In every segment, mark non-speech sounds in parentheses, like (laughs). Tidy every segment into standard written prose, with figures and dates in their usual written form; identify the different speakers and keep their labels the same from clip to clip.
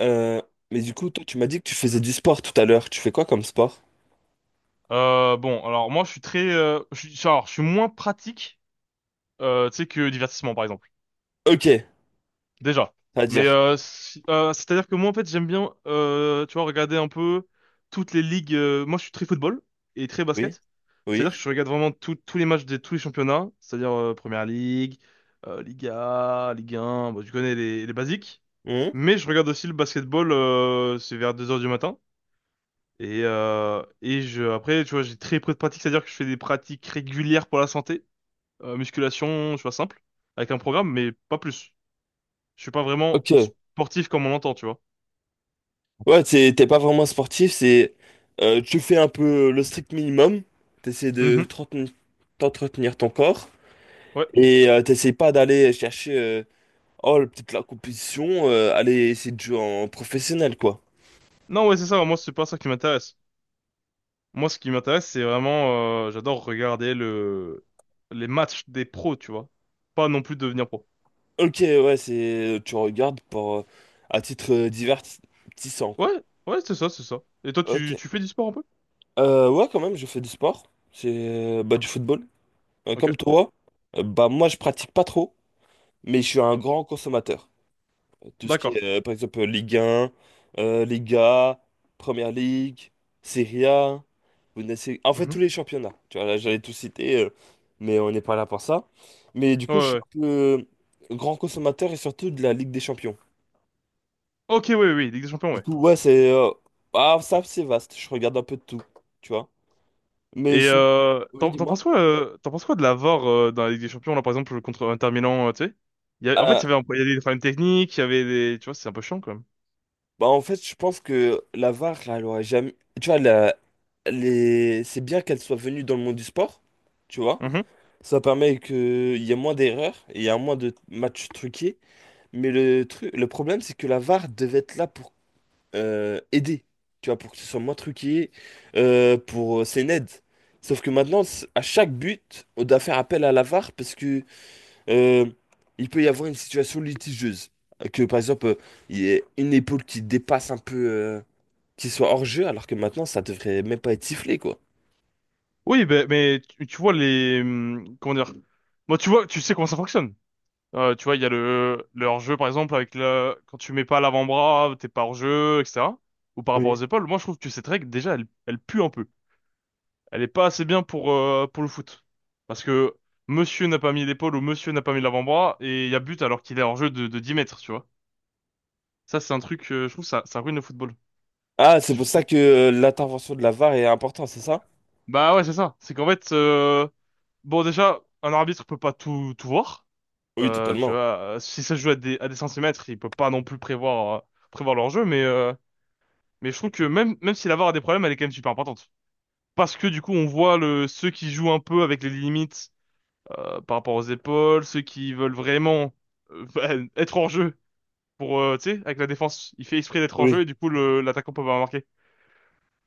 Speaker 1: Euh, mais du coup, toi, tu m'as dit que tu faisais du sport tout à l'heure. Tu fais quoi comme sport?
Speaker 2: Bon, alors moi je suis très, je suis, alors je suis moins pratique, tu sais que divertissement par exemple.
Speaker 1: Ok.
Speaker 2: Déjà.
Speaker 1: À
Speaker 2: Mais
Speaker 1: dire.
Speaker 2: c'est-à-dire que moi en fait j'aime bien, tu vois, regarder un peu toutes les ligues. Moi je suis très football et très
Speaker 1: Oui,
Speaker 2: basket.
Speaker 1: oui.
Speaker 2: C'est-à-dire que je regarde vraiment tous les matchs de tous les championnats, c'est-à-dire Première Ligue, Liga, Ligue 1. Bon, tu connais les basiques.
Speaker 1: Mhm.
Speaker 2: Mais je regarde aussi le basketball, c'est vers 2 heures du matin. Et je, après, tu vois, j'ai très peu de pratiques, c'est-à-dire que je fais des pratiques régulières pour la santé, musculation, tu vois, simple, avec un programme, mais pas plus. Je suis pas vraiment
Speaker 1: Ok.
Speaker 2: sportif comme on l'entend, tu vois.
Speaker 1: Ouais, t'es pas vraiment sportif, c'est tu fais un peu le strict minimum. T'essaies de
Speaker 2: Mhm.
Speaker 1: t'entretenir ton corps
Speaker 2: Ouais.
Speaker 1: et t'essaies pas d'aller chercher oh, peut-être la compétition, aller essayer de jouer en professionnel quoi.
Speaker 2: Non, ouais, c'est ça. Moi, c'est pas ça qui m'intéresse. Moi, ce qui m'intéresse, c'est vraiment, j'adore regarder les matchs des pros, tu vois. Pas non plus devenir pro.
Speaker 1: Ok, ouais, c'est tu regardes pour à titre divertissant quoi.
Speaker 2: Ouais, ouais, c'est ça, c'est ça. Et toi,
Speaker 1: Ok.
Speaker 2: tu fais du sport un peu?
Speaker 1: Ouais, quand même, je fais du sport. C'est bah, du football.
Speaker 2: Ok,
Speaker 1: Comme toi, bah, moi, je pratique pas trop, mais je suis un grand consommateur. Tout ce qui est,
Speaker 2: d'accord.
Speaker 1: par exemple, Ligue 1 Liga, Première Ligue, Serie A, Bundesliga. En fait,
Speaker 2: Mhm.
Speaker 1: tous les championnats. Tu vois, là, j'allais tout citer, mais on n'est pas là pour ça. Mais du
Speaker 2: Ouais,
Speaker 1: coup, je suis
Speaker 2: ouais.
Speaker 1: un peu grand consommateur et surtout de la Ligue des Champions.
Speaker 2: Ok, oui, oui, Ligue des Champions,
Speaker 1: Du
Speaker 2: ouais.
Speaker 1: coup, ouais, ah, ça, c'est vaste. Je regarde un peu de tout, tu vois. Mais
Speaker 2: Et
Speaker 1: sinon.
Speaker 2: euh,
Speaker 1: Oui,
Speaker 2: t'en t'en
Speaker 1: dis-moi.
Speaker 2: penses quoi, euh, t'en penses quoi de la VAR dans la Ligue des Champions là par exemple contre Inter Milan, tu sais? En fait,
Speaker 1: Euh,
Speaker 2: il y avait des problèmes techniques, il y avait des, tu vois, c'est un peu chiant quand même.
Speaker 1: Bah, en fait, je pense que la VAR, elle aurait jamais. Tu vois, c'est bien qu'elle soit venue dans le monde du sport, tu vois.
Speaker 2: Mhm.
Speaker 1: Ça permet qu'il y ait moins d'erreurs et il y a moins de matchs truqués. Mais le problème, c'est que la VAR devait être là pour aider, tu vois, pour que ce soit moins truqué, c'est une aide. Sauf que maintenant, à chaque but, on doit faire appel à la VAR parce que euh, il peut y avoir une situation litigieuse. Que par exemple, il y a une épaule qui dépasse un peu, qu'il soit hors-jeu alors que maintenant ça devrait même pas être sifflé quoi.
Speaker 2: Oui, ben mais tu vois comment dire? Moi, tu vois, tu sais comment ça fonctionne. Tu vois, il y a le hors-jeu par exemple avec quand tu mets pas l'avant-bras, t'es pas hors-jeu, etc. Ou par rapport aux
Speaker 1: Oui.
Speaker 2: épaules. Moi, je trouve que cette règle déjà, elle pue un peu. Elle est pas assez bien pour le foot. Parce que monsieur n'a pas mis l'épaule ou monsieur n'a pas mis l'avant-bras et il y a but alors qu'il est hors jeu de 10 mètres, tu vois. Ça, c'est un truc, je trouve, ça ruine le football.
Speaker 1: Ah,
Speaker 2: Je
Speaker 1: c'est
Speaker 2: sais
Speaker 1: pour
Speaker 2: pas ce
Speaker 1: ça
Speaker 2: que-
Speaker 1: que l'intervention de la VAR est importante, c'est ça?
Speaker 2: Bah ouais, c'est ça. C'est qu'en fait, bon, déjà, un arbitre peut pas tout voir.
Speaker 1: Oui,
Speaker 2: Tu
Speaker 1: totalement.
Speaker 2: vois, si ça se joue à des centimètres, il peut pas non plus prévoir, prévoir leur jeu, mais je trouve que même si la VAR a des problèmes, elle est quand même super importante. Parce que du coup, on voit ceux qui jouent un peu avec les limites par rapport aux épaules, ceux qui veulent vraiment (laughs) bah, être en jeu pour tu sais, avec la défense, il fait exprès d'être en jeu
Speaker 1: Oui.
Speaker 2: et du coup l'attaquant peut pas marquer.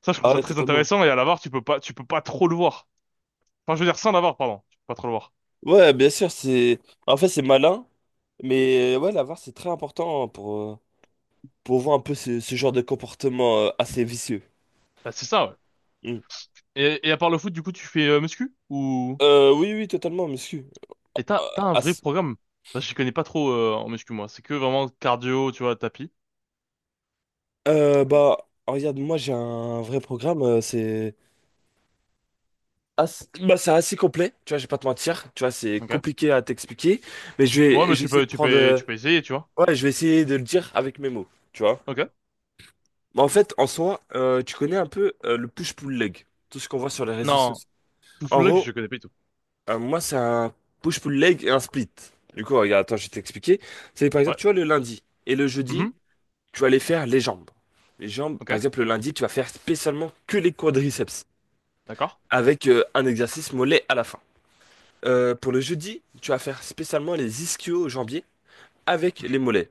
Speaker 2: Ça, je trouve
Speaker 1: Ah
Speaker 2: ça
Speaker 1: ouais,
Speaker 2: très
Speaker 1: totalement.
Speaker 2: intéressant et à la VAR, tu peux pas trop le voir. Enfin, je veux dire sans la VAR, pardon, tu peux pas trop le voir.
Speaker 1: Ouais, bien sûr, c'est en fait, c'est malin, mais ouais, la VAR c'est très important pour voir un peu ce genre de comportement assez vicieux.
Speaker 2: Bah, c'est ça, ouais.
Speaker 1: Mm.
Speaker 2: Et à part le foot, du coup, tu fais muscu ou
Speaker 1: Oui, oui, totalement, monsieur.
Speaker 2: et
Speaker 1: Euh,
Speaker 2: t'as un vrai
Speaker 1: as-
Speaker 2: programme? Parce que je connais pas trop en muscu moi, c'est que vraiment cardio, tu vois, tapis.
Speaker 1: Bah, regarde, moi j'ai un vrai programme, bah, c'est assez complet, tu vois, je vais pas te mentir, tu vois, c'est
Speaker 2: Ok.
Speaker 1: compliqué à t'expliquer, mais je
Speaker 2: Ouais,
Speaker 1: vais,
Speaker 2: mais
Speaker 1: je vais
Speaker 2: tu peux, tu peux, tu peux essayer, tu vois.
Speaker 1: ouais, je vais essayer de le dire avec mes mots, tu vois.
Speaker 2: Ok.
Speaker 1: Mais en fait, en soi, tu connais un peu le push-pull leg, tout ce qu'on voit sur les réseaux
Speaker 2: Non,
Speaker 1: sociaux. En
Speaker 2: full leg, je
Speaker 1: gros,
Speaker 2: connais pas du tout.
Speaker 1: moi, c'est un push-pull leg et un split. Du coup, regarde, attends, je vais t'expliquer. C'est par
Speaker 2: Ouais.
Speaker 1: exemple, tu vois, le lundi et le jeudi,
Speaker 2: Mhm.
Speaker 1: tu vas aller faire les jambes. Les jambes, par
Speaker 2: Ok.
Speaker 1: exemple, le lundi, tu vas faire spécialement que les quadriceps,
Speaker 2: D'accord.
Speaker 1: avec un exercice mollet à la fin. Pour le jeudi, tu vas faire spécialement les ischio-jambiers avec les mollets.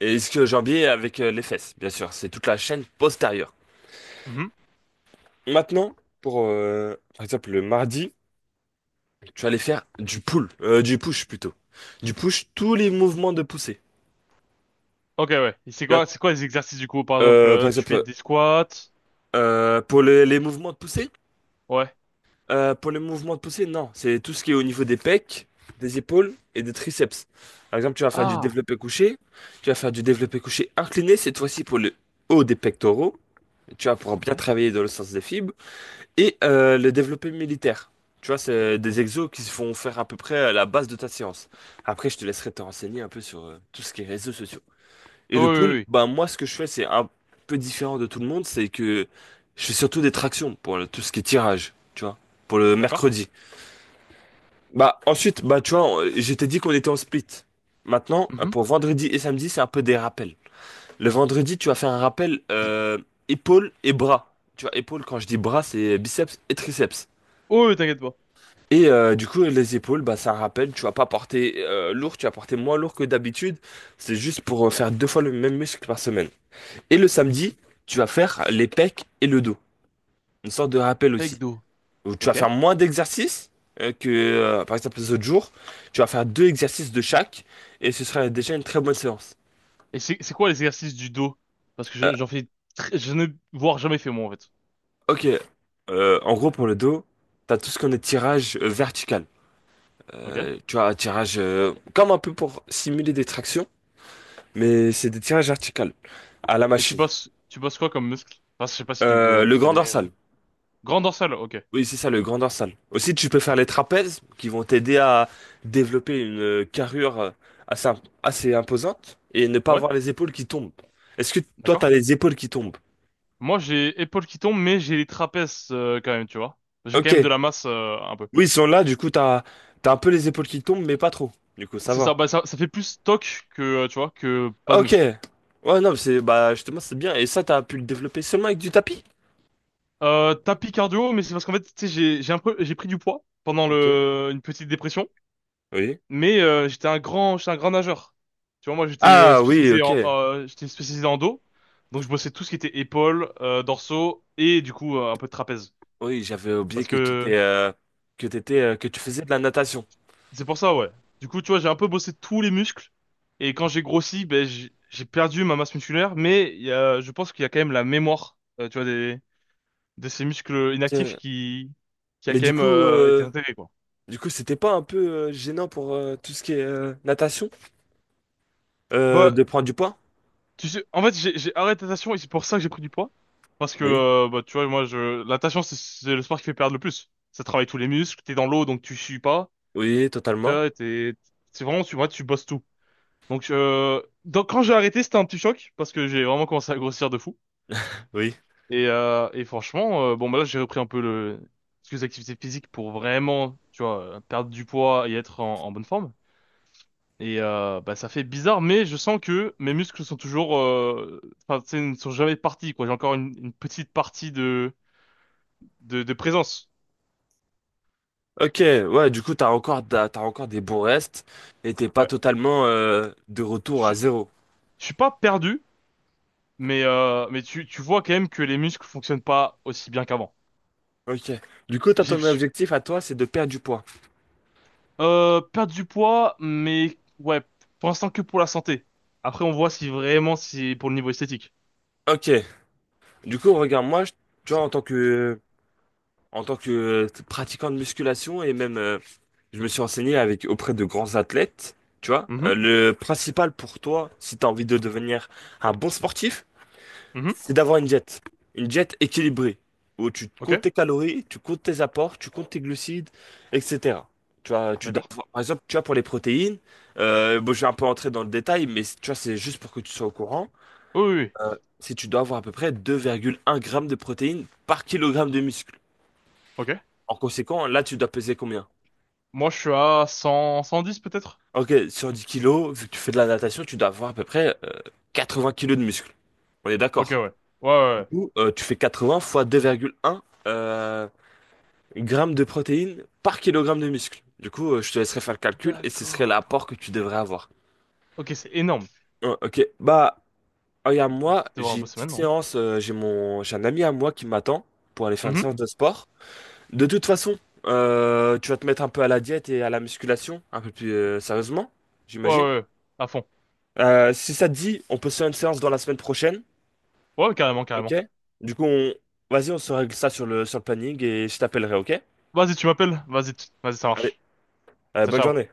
Speaker 1: Et ischio-jambiers avec les fesses, bien sûr. C'est toute la chaîne postérieure.
Speaker 2: Mhm.
Speaker 1: Maintenant, pour par exemple le mardi, tu vas aller faire du push plutôt. Du push, tous les mouvements de poussée.
Speaker 2: Ok, ouais. Et c'est
Speaker 1: Tu
Speaker 2: quoi, c'est
Speaker 1: vois,
Speaker 2: quoi les exercices du coup? Par exemple,
Speaker 1: par
Speaker 2: tu fais
Speaker 1: exemple,
Speaker 2: des squats.
Speaker 1: pour les mouvements de poussée.
Speaker 2: Ouais.
Speaker 1: Pour les mouvements de poussée, non. C'est tout ce qui est au niveau des pecs, des épaules et des triceps. Par exemple, tu vas faire du
Speaker 2: Ah,
Speaker 1: développé couché. Tu vas faire du développé couché incliné, cette fois-ci pour le haut des pectoraux. Tu vas pouvoir bien
Speaker 2: ok.
Speaker 1: travailler dans le sens des fibres. Et le développé militaire. Tu vois, c'est des exos qui se font faire à peu près à la base de ta séance. Après, je te laisserai te renseigner un peu sur tout ce qui est réseaux sociaux. Et
Speaker 2: Ah
Speaker 1: le
Speaker 2: oui, oui,
Speaker 1: pull,
Speaker 2: oui.
Speaker 1: bah, moi, ce que je fais, c'est un peu différent de tout le monde. C'est que je fais surtout des tractions pour tout ce qui est tirage, tu vois, pour le
Speaker 2: D'accord.
Speaker 1: mercredi. Bah, ensuite, bah, tu vois, je t'ai dit qu'on était en split. Maintenant,
Speaker 2: Mhm.
Speaker 1: pour vendredi et samedi, c'est un peu des rappels. Le vendredi, tu vas faire un rappel épaules et bras. Tu vois, épaules, quand je dis bras, c'est biceps et triceps.
Speaker 2: Oh, oui, t'inquiète pas.
Speaker 1: Et du coup, les épaules, bah, c'est un rappel. Tu vas pas porter lourd, tu vas porter moins lourd que d'habitude. C'est juste pour faire deux fois le même muscle par semaine. Et le samedi, tu vas faire les pecs et le dos. Une sorte de rappel
Speaker 2: Avec
Speaker 1: aussi,
Speaker 2: dos.
Speaker 1: où tu vas
Speaker 2: Ok.
Speaker 1: faire moins d'exercices que, par exemple, les autres jours. Tu vas faire deux exercices de chaque et ce sera déjà une très bonne séance.
Speaker 2: Et c'est quoi les exercices du dos? Parce que
Speaker 1: Euh,
Speaker 2: j'en fais, je ne voire jamais fait moi en fait.
Speaker 1: ok. En gros, pour le dos, tu as tout ce qu'on est tirage vertical.
Speaker 2: Ok.
Speaker 1: Tu as un tirage comme un peu pour simuler des tractions, mais c'est des tirages verticales à la
Speaker 2: Et tu
Speaker 1: machine.
Speaker 2: bosses, tu bosses quoi comme muscle? Enfin, je sais pas si tu, con-
Speaker 1: Le
Speaker 2: tu
Speaker 1: grand
Speaker 2: connais.
Speaker 1: dorsal.
Speaker 2: Grand dorsal. Ok.
Speaker 1: Oui, c'est ça, le grand dorsal. Aussi, tu peux faire les trapèzes qui vont t'aider à développer une carrure assez, assez imposante et ne pas
Speaker 2: Ouais.
Speaker 1: avoir les épaules qui tombent. Est-ce que toi, t'as
Speaker 2: D'accord.
Speaker 1: les épaules qui tombent?
Speaker 2: Moi, j'ai épaules qui tombent, mais j'ai les trapèzes quand même, tu vois. J'ai quand
Speaker 1: Ok.
Speaker 2: même de la masse un peu.
Speaker 1: Oui, ils sont là, du coup, t'as, t'as, un peu les épaules qui tombent, mais pas trop. Du coup, ça
Speaker 2: C'est
Speaker 1: va.
Speaker 2: ça. Bah ça, ça fait plus stock que, tu vois, que pas de
Speaker 1: Ok.
Speaker 2: muscle.
Speaker 1: Ouais, non, mais c'est, bah, justement, c'est bien. Et ça, t'as pu le développer seulement avec du tapis?
Speaker 2: Tapis cardio, mais c'est parce qu'en fait, tu sais, j'ai un peu j'ai pris du poids pendant
Speaker 1: Ok.
Speaker 2: le une petite dépression,
Speaker 1: Oui.
Speaker 2: mais j'étais un grand nageur. Tu vois, moi j'étais
Speaker 1: Ah, oui, ok.
Speaker 2: spécialisé en dos, donc je bossais tout ce qui était épaules, dorsaux et du coup un peu de trapèze.
Speaker 1: Oui, j'avais oublié
Speaker 2: Parce
Speaker 1: que tu t'es,
Speaker 2: que
Speaker 1: que t'étais, que tu faisais de la natation.
Speaker 2: c'est pour ça, ouais. Du coup, tu vois, j'ai un peu bossé tous les muscles et quand j'ai grossi, ben j'ai perdu ma masse musculaire, mais je pense qu'il y a quand même la mémoire, tu vois, des de ces muscles inactifs
Speaker 1: Tiens.
Speaker 2: qui a
Speaker 1: Mais
Speaker 2: quand
Speaker 1: du
Speaker 2: même
Speaker 1: coup,
Speaker 2: été
Speaker 1: euh,
Speaker 2: intégrée quoi.
Speaker 1: Du coup, c'était pas un peu gênant pour tout ce qui est natation
Speaker 2: Bah,
Speaker 1: de prendre du poids?
Speaker 2: tu sais, en fait, j'ai arrêté la natation et c'est pour ça que j'ai pris du poids. Parce que,
Speaker 1: Oui.
Speaker 2: bah, tu vois, moi, la natation, c'est le sport qui fait perdre le plus. Ça travaille tous les muscles, t'es dans l'eau, donc tu sues pas.
Speaker 1: Oui,
Speaker 2: Tu
Speaker 1: totalement.
Speaker 2: vois, c'est vraiment, tu vois, tu bosses tout. Donc quand j'ai arrêté, c'était un petit choc, parce que j'ai vraiment commencé à grossir de fou.
Speaker 1: Oui.
Speaker 2: Et franchement, bon, bah là, j'ai repris un peu quelques activités physiques pour vraiment, tu vois, perdre du poids et être en bonne forme. Bah, ça fait bizarre, mais je sens que mes muscles sont toujours, enfin, tu sais, ne sont jamais partis, quoi. J'ai encore une petite partie de présence.
Speaker 1: Ok, ouais, du coup, t'as encore des bons restes et t'es pas
Speaker 2: Ouais.
Speaker 1: totalement de
Speaker 2: Je,
Speaker 1: retour à
Speaker 2: suis-
Speaker 1: zéro.
Speaker 2: je suis pas perdu, mais tu vois quand même que les muscles fonctionnent pas aussi bien qu'avant.
Speaker 1: Ok. Du coup, t'as
Speaker 2: J'ai
Speaker 1: ton
Speaker 2: j'ai-
Speaker 1: objectif à toi, c'est de perdre du poids.
Speaker 2: euh, perdu du poids, mais ouais, pour l'instant que pour la santé. Après, on voit si vraiment c'est pour le niveau esthétique.
Speaker 1: Ok. Du coup, regarde, moi, tu vois, en tant que pratiquant de musculation et même, je me suis renseigné avec auprès de grands athlètes. Tu vois,
Speaker 2: Mhm,
Speaker 1: Le principal pour toi, si t'as envie de devenir un bon sportif,
Speaker 2: mhm,
Speaker 1: c'est d'avoir une diète. Une diète équilibrée, où tu
Speaker 2: ok,
Speaker 1: comptes tes calories, tu comptes tes apports, tu comptes tes glucides, etc. Tu vois, tu dois
Speaker 2: d'accord.
Speaker 1: par exemple, tu vois, pour les protéines, bon, je vais un peu entrer dans le détail, mais tu vois, c'est juste pour que tu sois au courant.
Speaker 2: Oui, oui, oui,
Speaker 1: Si tu dois avoir à peu près 2,1 grammes de protéines par kilogramme de muscle.
Speaker 2: ok.
Speaker 1: En conséquent, là, tu dois peser combien?
Speaker 2: Moi, je suis à 110 peut-être?
Speaker 1: Ok, sur 10 kilos, vu que tu fais de la natation, tu dois avoir à peu près 20 kilos de muscle. On est
Speaker 2: Ok,
Speaker 1: d'accord.
Speaker 2: ouais. Ouais,
Speaker 1: Du
Speaker 2: ouais.
Speaker 1: coup, tu fais 80 fois 2,1 grammes de protéines par kilogramme de muscle. Du coup, je te laisserai faire le calcul et ce serait
Speaker 2: D'accord.
Speaker 1: l'apport que tu devrais avoir.
Speaker 2: Ok, c'est énorme.
Speaker 1: Oh, ok, bah,
Speaker 2: Je
Speaker 1: regarde,
Speaker 2: vais
Speaker 1: moi,
Speaker 2: peut-être devoir
Speaker 1: j'ai
Speaker 2: le
Speaker 1: une
Speaker 2: bosser
Speaker 1: petite
Speaker 2: maintenant.
Speaker 1: séance, j'ai un ami à moi qui m'attend pour aller
Speaker 2: Hein.
Speaker 1: faire une
Speaker 2: Mhm.
Speaker 1: séance de sport. De toute façon, tu vas te mettre un peu à la diète et à la musculation, un peu plus sérieusement,
Speaker 2: Ouais,
Speaker 1: j'imagine.
Speaker 2: ouais, ouais. À fond.
Speaker 1: Si ça te dit, on peut se faire une séance dans la semaine prochaine,
Speaker 2: Ouais, carrément,
Speaker 1: ok?
Speaker 2: carrément.
Speaker 1: Du coup, vas-y, on se règle ça sur le planning et je t'appellerai, ok?
Speaker 2: Vas-y, tu m'appelles. Vas-y, vas-y, ça
Speaker 1: Allez,
Speaker 2: marche. Ciao,
Speaker 1: bonne
Speaker 2: ciao.
Speaker 1: journée.